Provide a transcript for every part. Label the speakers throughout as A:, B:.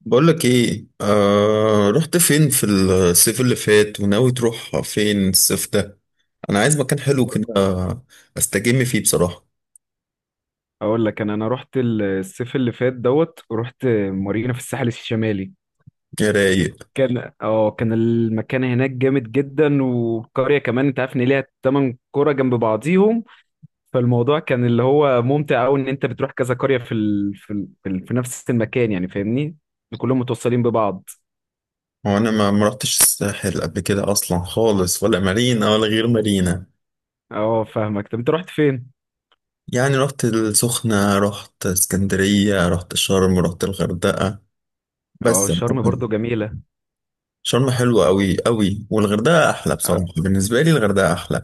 A: بقولك ايه، آه، رحت فين في الصيف اللي فات وناوي تروح فين الصيف ده؟ انا عايز مكان حلو كده استجم فيه بصراحة.
B: اقول لك، انا رحت الصيف اللي فات. رحت مارينا في الساحل الشمالي.
A: يا رايق.
B: كان المكان هناك جامد جدا، والقريه كمان انت عارف ان ليها 8 قرى جنب بعضيهم. فالموضوع كان اللي هو ممتع قوي ان انت بتروح كذا قريه في نفس المكان، يعني فاهمني. كلهم متوصلين ببعض.
A: هو انا ما رحتش الساحل قبل كده اصلا خالص، ولا مارينا ولا غير مارينا.
B: اه، فاهمك. طب انت رحت فين؟
A: يعني رحت السخنة، رحت اسكندرية، رحت شرم، رحت الغردقة
B: اه
A: بس
B: شرم
A: أعتقد
B: برضو بس جميله.
A: شرم حلوة قوي والغردقة احلى. بصراحة
B: آه،
A: بالنسبة لي الغردقة احلى.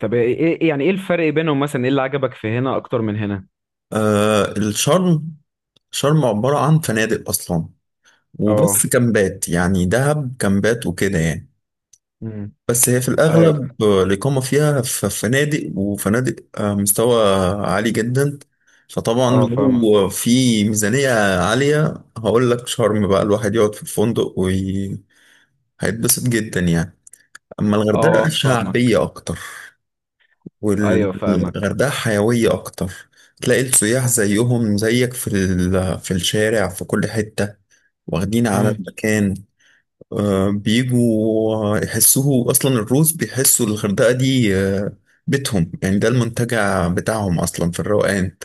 B: طب ايه، إيه- إيه، يعني ايه الفرق بينهم مثلا، ايه اللي عجبك في هنا اكتر من هنا؟
A: آه الشرم، شرم عبارة عن فنادق اصلا، وبس
B: اه.
A: كامبات، يعني دهب كامبات وكده يعني.
B: امم.
A: بس هي في
B: ايوه.
A: الأغلب الإقامة فيها في فنادق وفنادق. مستوى عالي جدا. فطبعا
B: اه، فاهمك.
A: لو في ميزانية عالية هقول لك شرم بقى الواحد يقعد في الفندق وهيتبسط جدا يعني. أما
B: اه،
A: الغردقة
B: فاهمك.
A: شعبية أكتر،
B: ايوه، فاهمك.
A: والغردقة حيوية أكتر. تلاقي السياح زيهم زيك في الشارع في كل حتة، واخدين على
B: امم.
A: المكان. بيجوا يحسوه اصلا، الروس بيحسوا الغردقه دي بيتهم يعني، ده المنتجع بتاعهم اصلا في الروقان.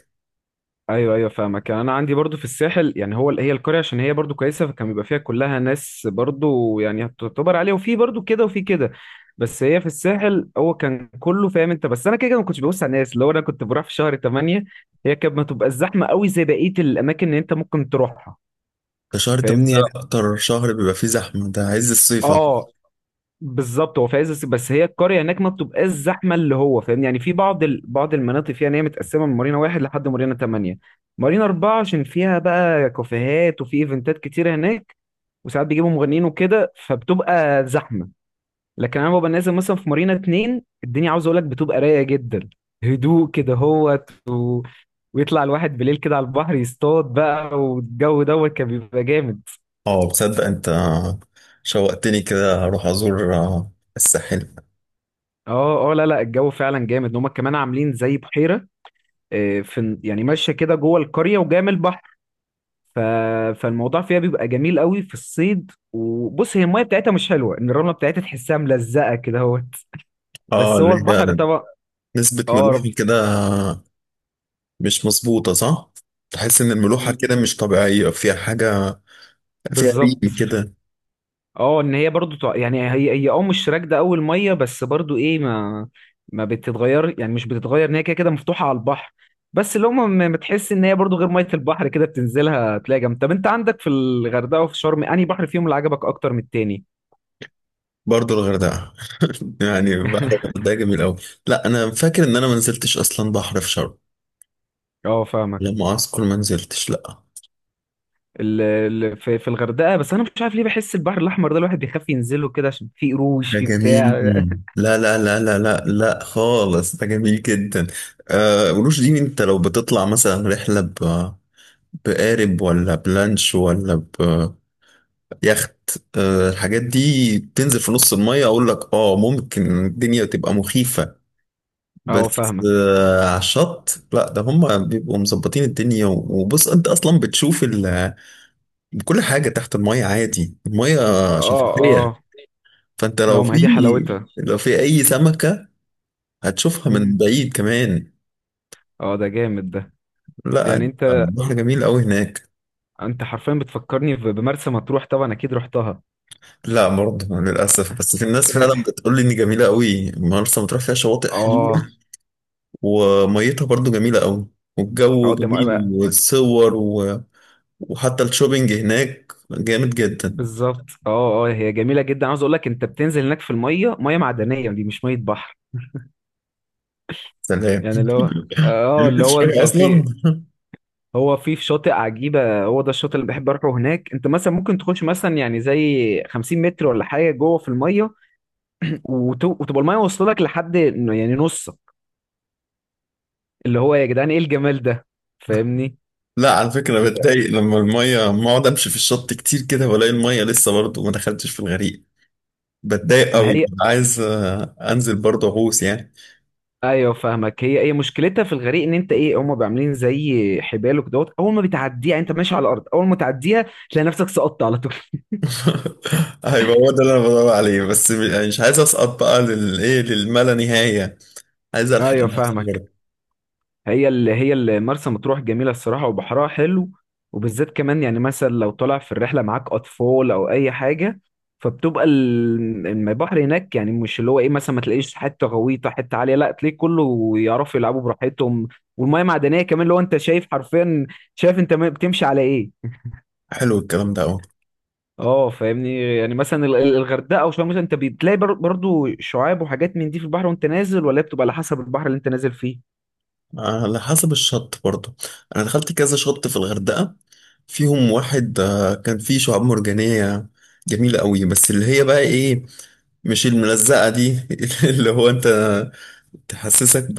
B: ايوه ايوه، فاهمك. يعني انا عندي برضو في الساحل، يعني هو هي القريه عشان هي برضو كويسه، فكان بيبقى فيها كلها ناس، برضو يعني تعتبر عليها، وفي برضو كده وفي كده. بس هي في الساحل، هو كان كله فاهم انت، بس انا كده كده ما كنتش ببص على الناس، اللي هو انا كنت بروح في شهر 8. هي كانت ما تبقى الزحمه قوي زي بقيه الاماكن اللي انت ممكن تروحها.
A: ده شهر
B: فاهمني
A: 8
B: يعني.
A: ده اكتر شهر بيبقى فيه زحمه، ده عز الصيف أصلاً.
B: اه، بالظبط. هو في عز الصيف، بس هي القريه هناك ما بتبقاش زحمه، اللي هو فاهم يعني بعض المناطق فيها، ان هي متقسمه من مارينا واحد لحد مارينا تمانية. مارينا اربعه عشان فيها بقى كافيهات وفي ايفنتات كتيره هناك، وساعات بيجيبوا مغنيين وكده، فبتبقى زحمه. لكن انا ببقى نازل مثلا في مارينا اتنين، الدنيا عاوز اقول لك بتبقى رايقه جدا، هدوء كده، ويطلع الواحد بالليل كده على البحر، يصطاد بقى، والجو كان بيبقى جامد.
A: اه، بتصدق انت؟ شوقتني كده اروح ازور الساحل.
B: اه اه، لا لا الجو فعلا جامد، ان هم كمان عاملين زي بحيره. آه، في يعني ماشيه كده جوه القريه وجايه من البحر. ف... فالموضوع فيها بيبقى جميل قوي في الصيد. وبص هي الميه بتاعتها مش حلوه، ان الرمله بتاعتها تحسها ملزقه كده اهوت،
A: اه
B: بس هو
A: اللي
B: البحر
A: هي
B: طبعا.
A: نسبه
B: اه،
A: ملوحه كده مش مظبوطه، صح؟ تحس ان الملوحه كده مش طبيعيه، فيها حاجه، فيها
B: بالظبط.
A: ريم كده.
B: اه ان هي برضو يعني هي مش راكده قوي الميه، بس برضو ايه، ما بتتغير، يعني مش بتتغير ان هي كده كده مفتوحه على البحر. بس لو ما بتحس ان هي برضو غير ميه البحر كده، بتنزلها تلاقي جنب. طب انت عندك في الغردقه وفي شرم، انهي بحر فيهم اللي عجبك اكتر من التاني؟
A: برضه الغردقة. يعني بحر الغردقة جميل أوي. لا، أنا فاكر إن أنا ما نزلتش أصلا بحر في شرم.
B: اه، فاهمك.
A: لما أذكر ما نزلتش، لا.
B: في الغردقه، بس انا مش عارف ليه، بحس البحر الاحمر ده الواحد بيخاف ينزله كده عشان فيه قروش،
A: ده
B: فيه
A: جميل،
B: بتاع.
A: لا خالص، ده جميل جدا. آه قروش دي، أنت لو بتطلع مثلا رحلة ب بقارب ولا بلانش ولا بيخت، آه الحاجات دي تنزل في نص المية أقول لك، آه ممكن الدنيا تبقى مخيفة.
B: اه،
A: بس
B: فاهمك.
A: على الشط لا، ده هم بيبقوا مظبطين الدنيا. وبص انت اصلا بتشوف ال... كل حاجه تحت الميه عادي، الميه
B: اه
A: شفافيه.
B: اه.
A: فانت لو
B: اه، ما
A: في
B: هي دي حلاوتها.
A: لو في اي سمكه هتشوفها من
B: مم.
A: بعيد كمان.
B: اه، ده جامد ده.
A: لا
B: يعني انت
A: البحر جميل قوي هناك.
B: انت حرفيا بتفكرني بمرسى مطروح. طبعا اكيد رحتها.
A: لا برضه للاسف، بس في الناس فعلا بتقول لي ان جميله قوي مرسى مطروح، فيها شواطئ
B: اه.
A: حلوه وميتها برضه جميله قوي، والجو
B: اه،
A: جميل والصور و... وحتى الشوبينج هناك جامد جدا.
B: بالظبط. اه اه، هي جميله جدا. عاوز اقول لك انت بتنزل هناك، في الميه، ميه معدنيه دي، مش ميه بحر.
A: سلام.
B: يعني اللي هو اه،
A: يعني
B: اللي
A: كنت
B: هو انت
A: شايفها
B: في،
A: اصلا.
B: هو في شاطئ عجيبة، هو ده الشاطئ اللي بحب أروحه هناك. أنت مثلا ممكن تخش مثلا، يعني زي 50 متر ولا حاجة جوه في المية، وتبقى المية واصلة لك لحد إنه يعني نصك، اللي هو يا جدعان إيه الجمال ده، فاهمني.
A: لا على فكره
B: ال-
A: بتضايق لما الميه، لما اقعد امشي في الشط كتير كده والاقي الميه لسه برضه ما دخلتش في الغريق، بتضايق
B: ما
A: قوي.
B: هي
A: عايز انزل برضه اغوص يعني.
B: أيوه، فاهمك. هي، هي مشكلتها في الغريق إن أنت إيه، هما بيبقوا عاملين زي حبال وكدهوت، أول ما بتعديها يعني أنت ماشي على الأرض، أول ما تعديها تلاقي نفسك سقطت على طول.
A: هيبقى هو ده اللي انا بدور عليه، بس يعني مش عايز اسقط بقى للايه، للما لا نهايه، عايز الحق
B: أيوه،
A: نفسي
B: فاهمك.
A: كده.
B: هي اللي مرسى مطروح جميلة الصراحة، وبحرها حلو. وبالذات كمان يعني مثلا لو طالع في الرحلة معاك أطفال أو أي حاجة، فبتبقى البحر هناك، يعني مش اللي هو إيه مثلا ما تلاقيش حتة غويطة، حتة عالية. لا تلاقيه كله يعرفوا يلعبوا براحتهم. والمية معدنية كمان، اللي هو أنت شايف حرفيا، شايف أنت بتمشي على إيه.
A: حلو الكلام ده قوي.
B: اه فاهمني. يعني مثلا الغردقة أو شرم مثلا، أنت بتلاقي برضو شعاب وحاجات من دي في البحر وأنت نازل. ولا هي بتبقى على حسب البحر اللي أنت نازل فيه.
A: على حسب الشط برضه. انا دخلت كذا شط في الغردقة، فيهم واحد كان فيه شعاب مرجانية جميلة قوي، بس اللي هي بقى ايه؟ مش الملزقة دي. اللي هو انت تحسسك ب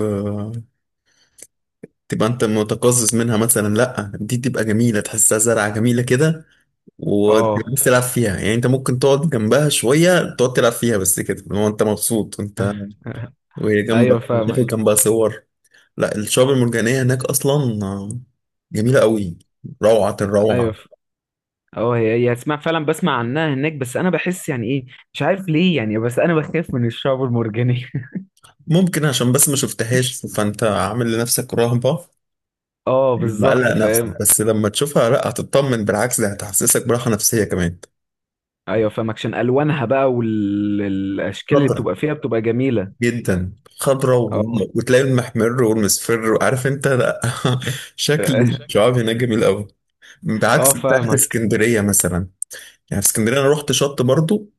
A: تبقى انت متقزز منها، مثلا لا، دي تبقى جميلة، تحسها زرعة جميلة كده.
B: اه.
A: وتبقى بس تلعب فيها، يعني انت ممكن تقعد جنبها شوية، تقعد تلعب فيها بس كده، اللي هو انت مبسوط، انت وهي
B: ايوه،
A: جنبك، وتاخد
B: فاهمك.
A: جنبها صور. لا الشعاب المرجانية هناك أصلا جميلة قوي، روعة
B: ايوه،
A: الروعة.
B: اه هي، هي اسمع، فعلا بسمع عنها هناك، بس انا بحس يعني ايه، مش عارف ليه يعني، بس انا بخاف من الشعب المرجاني.
A: ممكن عشان بس ما شفتهاش فأنت عامل لنفسك رهبة،
B: اه بالظبط،
A: مقلق نفسك،
B: فاهم.
A: بس لما تشوفها لا هتطمن، بالعكس ده هتحسسك براحة نفسية كمان.
B: ايوه فاهمك، عشان الوانها بقى والاشكال اللي
A: خضرة
B: بتبقى فيها بتبقى جميله.
A: جدا، خضرة و...
B: اه.
A: وتلاقي المحمر والمصفر وعارف انت، لا. شكل
B: اه.
A: الشعاب هناك جميل قوي،
B: آه،
A: بعكس بتاعت
B: فاهمك.
A: اسكندرية مثلا. يعني في اسكندرية انا رحت شط برضو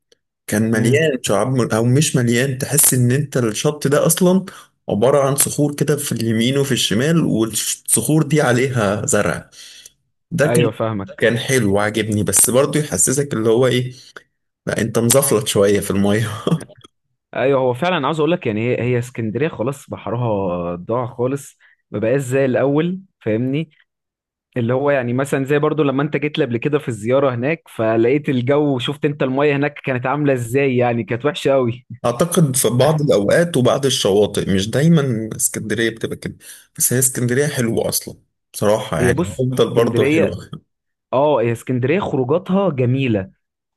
A: كان
B: امم.
A: مليان شعاب او مش مليان، تحس ان انت الشط ده اصلا عبارة عن صخور كده في اليمين وفي الشمال، والصخور دي عليها زرع. ده كان
B: ايوه، فاهمك.
A: كان حلو وعجبني، بس برضه يحسسك اللي هو ايه، لا انت مزفلت شوية في المية.
B: ايوه، هو فعلا عاوز اقول لك، يعني هي هي اسكندريه خلاص بحرها ضاع خالص، ما بقاش زي الاول، فاهمني. اللي هو يعني مثلا زي برضو لما انت جيت لي قبل كده في الزيارة هناك، فلقيت الجو وشفت انت المية هناك كانت عاملة ازاي، يعني كانت وحشة قوي.
A: اعتقد في بعض الاوقات وبعض الشواطئ، مش دايما اسكندرية بتبقى كده. بس هي اسكندرية حلوة اصلا، بصراحة
B: هي
A: يعني
B: بص
A: افضل برضه
B: اسكندرية،
A: حلوة.
B: اه هي اسكندرية خروجاتها جميلة.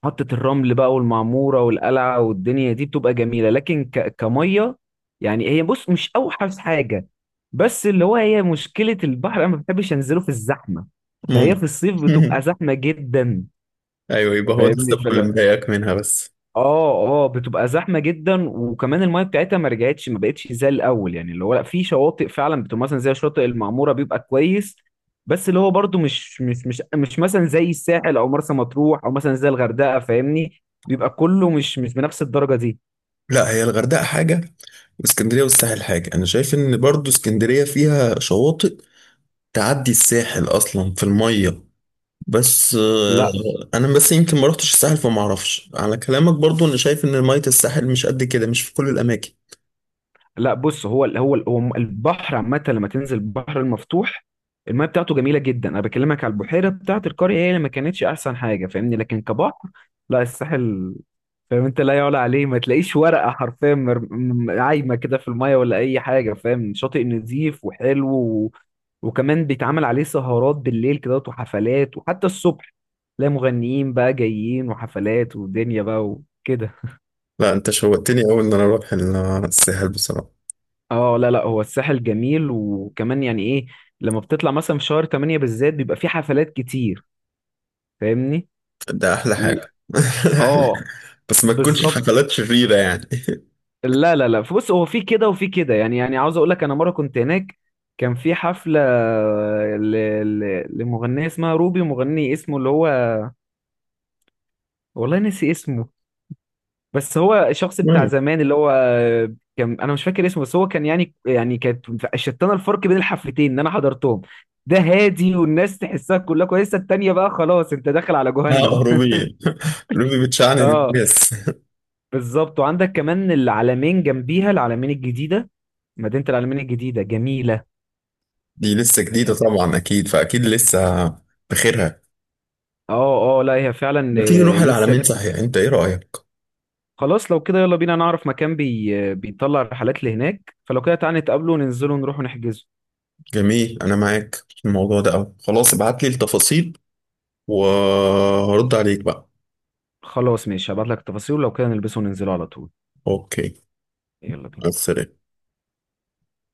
B: محطة الرمل بقى والمعمورة والقلعة والدنيا دي بتبقى جميلة. لكن كمية، يعني هي بص مش اوحش حاجة. بس اللي هو هي مشكلة البحر، انا ما بحبش انزله في الزحمة، فهي
A: ممكن.
B: في الصيف بتبقى زحمة جدا.
A: ايوه، يبقى هو ده
B: فاهمني.
A: السبب اللي مضايقك منها بس.
B: اه اه، بتبقى زحمه جدا، وكمان المايه بتاعتها ما رجعتش، ما بقتش زي الاول، يعني اللي هو لا في شواطئ فعلا بتبقى مثلا زي شاطئ المعموره بيبقى كويس. بس اللي هو برضو مش مثلا زي الساحل او مرسى مطروح او مثلا زي الغردقه، فاهمني، بيبقى كله مش بنفس الدرجه دي.
A: لا هي الغردقة حاجة، اسكندريه والساحل حاجه. انا شايف ان برضو اسكندريه فيها شواطئ تعدي الساحل اصلا في الميه، بس
B: لا
A: انا بس يمكن ما رحتش الساحل فما اعرفش، على كلامك برضو انا شايف ان ميه الساحل مش قد كده، مش في كل الاماكن.
B: لا بص هو البحر عامة، لما تنزل البحر المفتوح الميه بتاعته جميلة جدا. انا بكلمك على البحيرة بتاعة القرية، هي اللي ما كانتش احسن حاجة، فاهمني، لكن كبحر لا، الساحل فاهم انت لا يعلى عليه، ما تلاقيش ورقة حرفيا عايمة كده في الميه ولا اي حاجة، فاهم. شاطئ نظيف وحلو و... وكمان بيتعمل عليه سهرات بالليل كده، وحفلات، وحتى الصبح تلاقي مغنيين بقى جايين وحفلات ودنيا بقى وكده.
A: لا انت شوقتني اول ان انا اروح الساحل بصراحه.
B: اه لا لا، هو الساحل جميل، وكمان يعني ايه، لما بتطلع مثلا في شهر 8 بالذات بيبقى في حفلات كتير، فاهمني
A: ده احلى
B: و...
A: حاجه.
B: اه
A: بس ما تكونش
B: بالظبط.
A: الحفلات شريره يعني.
B: لا لا لا، بص هو في كده وفي كده، يعني عاوز اقول لك انا مره كنت هناك، كان في حفله ل... ل... لمغنيه اسمها روبي، ومغني اسمه اللي هو، والله نسي اسمه، بس هو الشخص بتاع
A: المهم،
B: زمان، اللي هو كان، انا مش فاكر اسمه، بس هو كان يعني، كانت شتانه الفرق بين الحفلتين ان انا حضرتهم. ده هادي والناس تحسها كلها كويسه، التانيه بقى خلاص انت داخل على
A: لا
B: جهنم.
A: روبي، روبي بتشعنن
B: اه،
A: الناس.
B: بالظبط. وعندك كمان العلمين جنبيها، العلمين الجديده، مدينه العلمين الجديده جميله.
A: دي لسه جديده طبعا، اكيد فاكيد لسه بخيرها.
B: اه اه لا هي فعلا،
A: ما تيجي
B: آه،
A: نروح
B: لسه
A: العلمين
B: جديد.
A: صحيح، انت ايه رأيك؟
B: خلاص لو كده يلا بينا نعرف مكان بي... آه، بيطلع رحلات لهناك، فلو كده تعالى نتقابلوا وننزلوا نروحوا نحجزوا.
A: جميل، انا معاك في الموضوع ده قوي، خلاص ابعت لي التفاصيل وهرد عليك بقى.
B: خلاص ماشي، هبعت لك التفاصيل، ولو كده نلبسه وننزلوا على طول.
A: اوكي،
B: يلا
A: مع
B: بينا.
A: السلامة.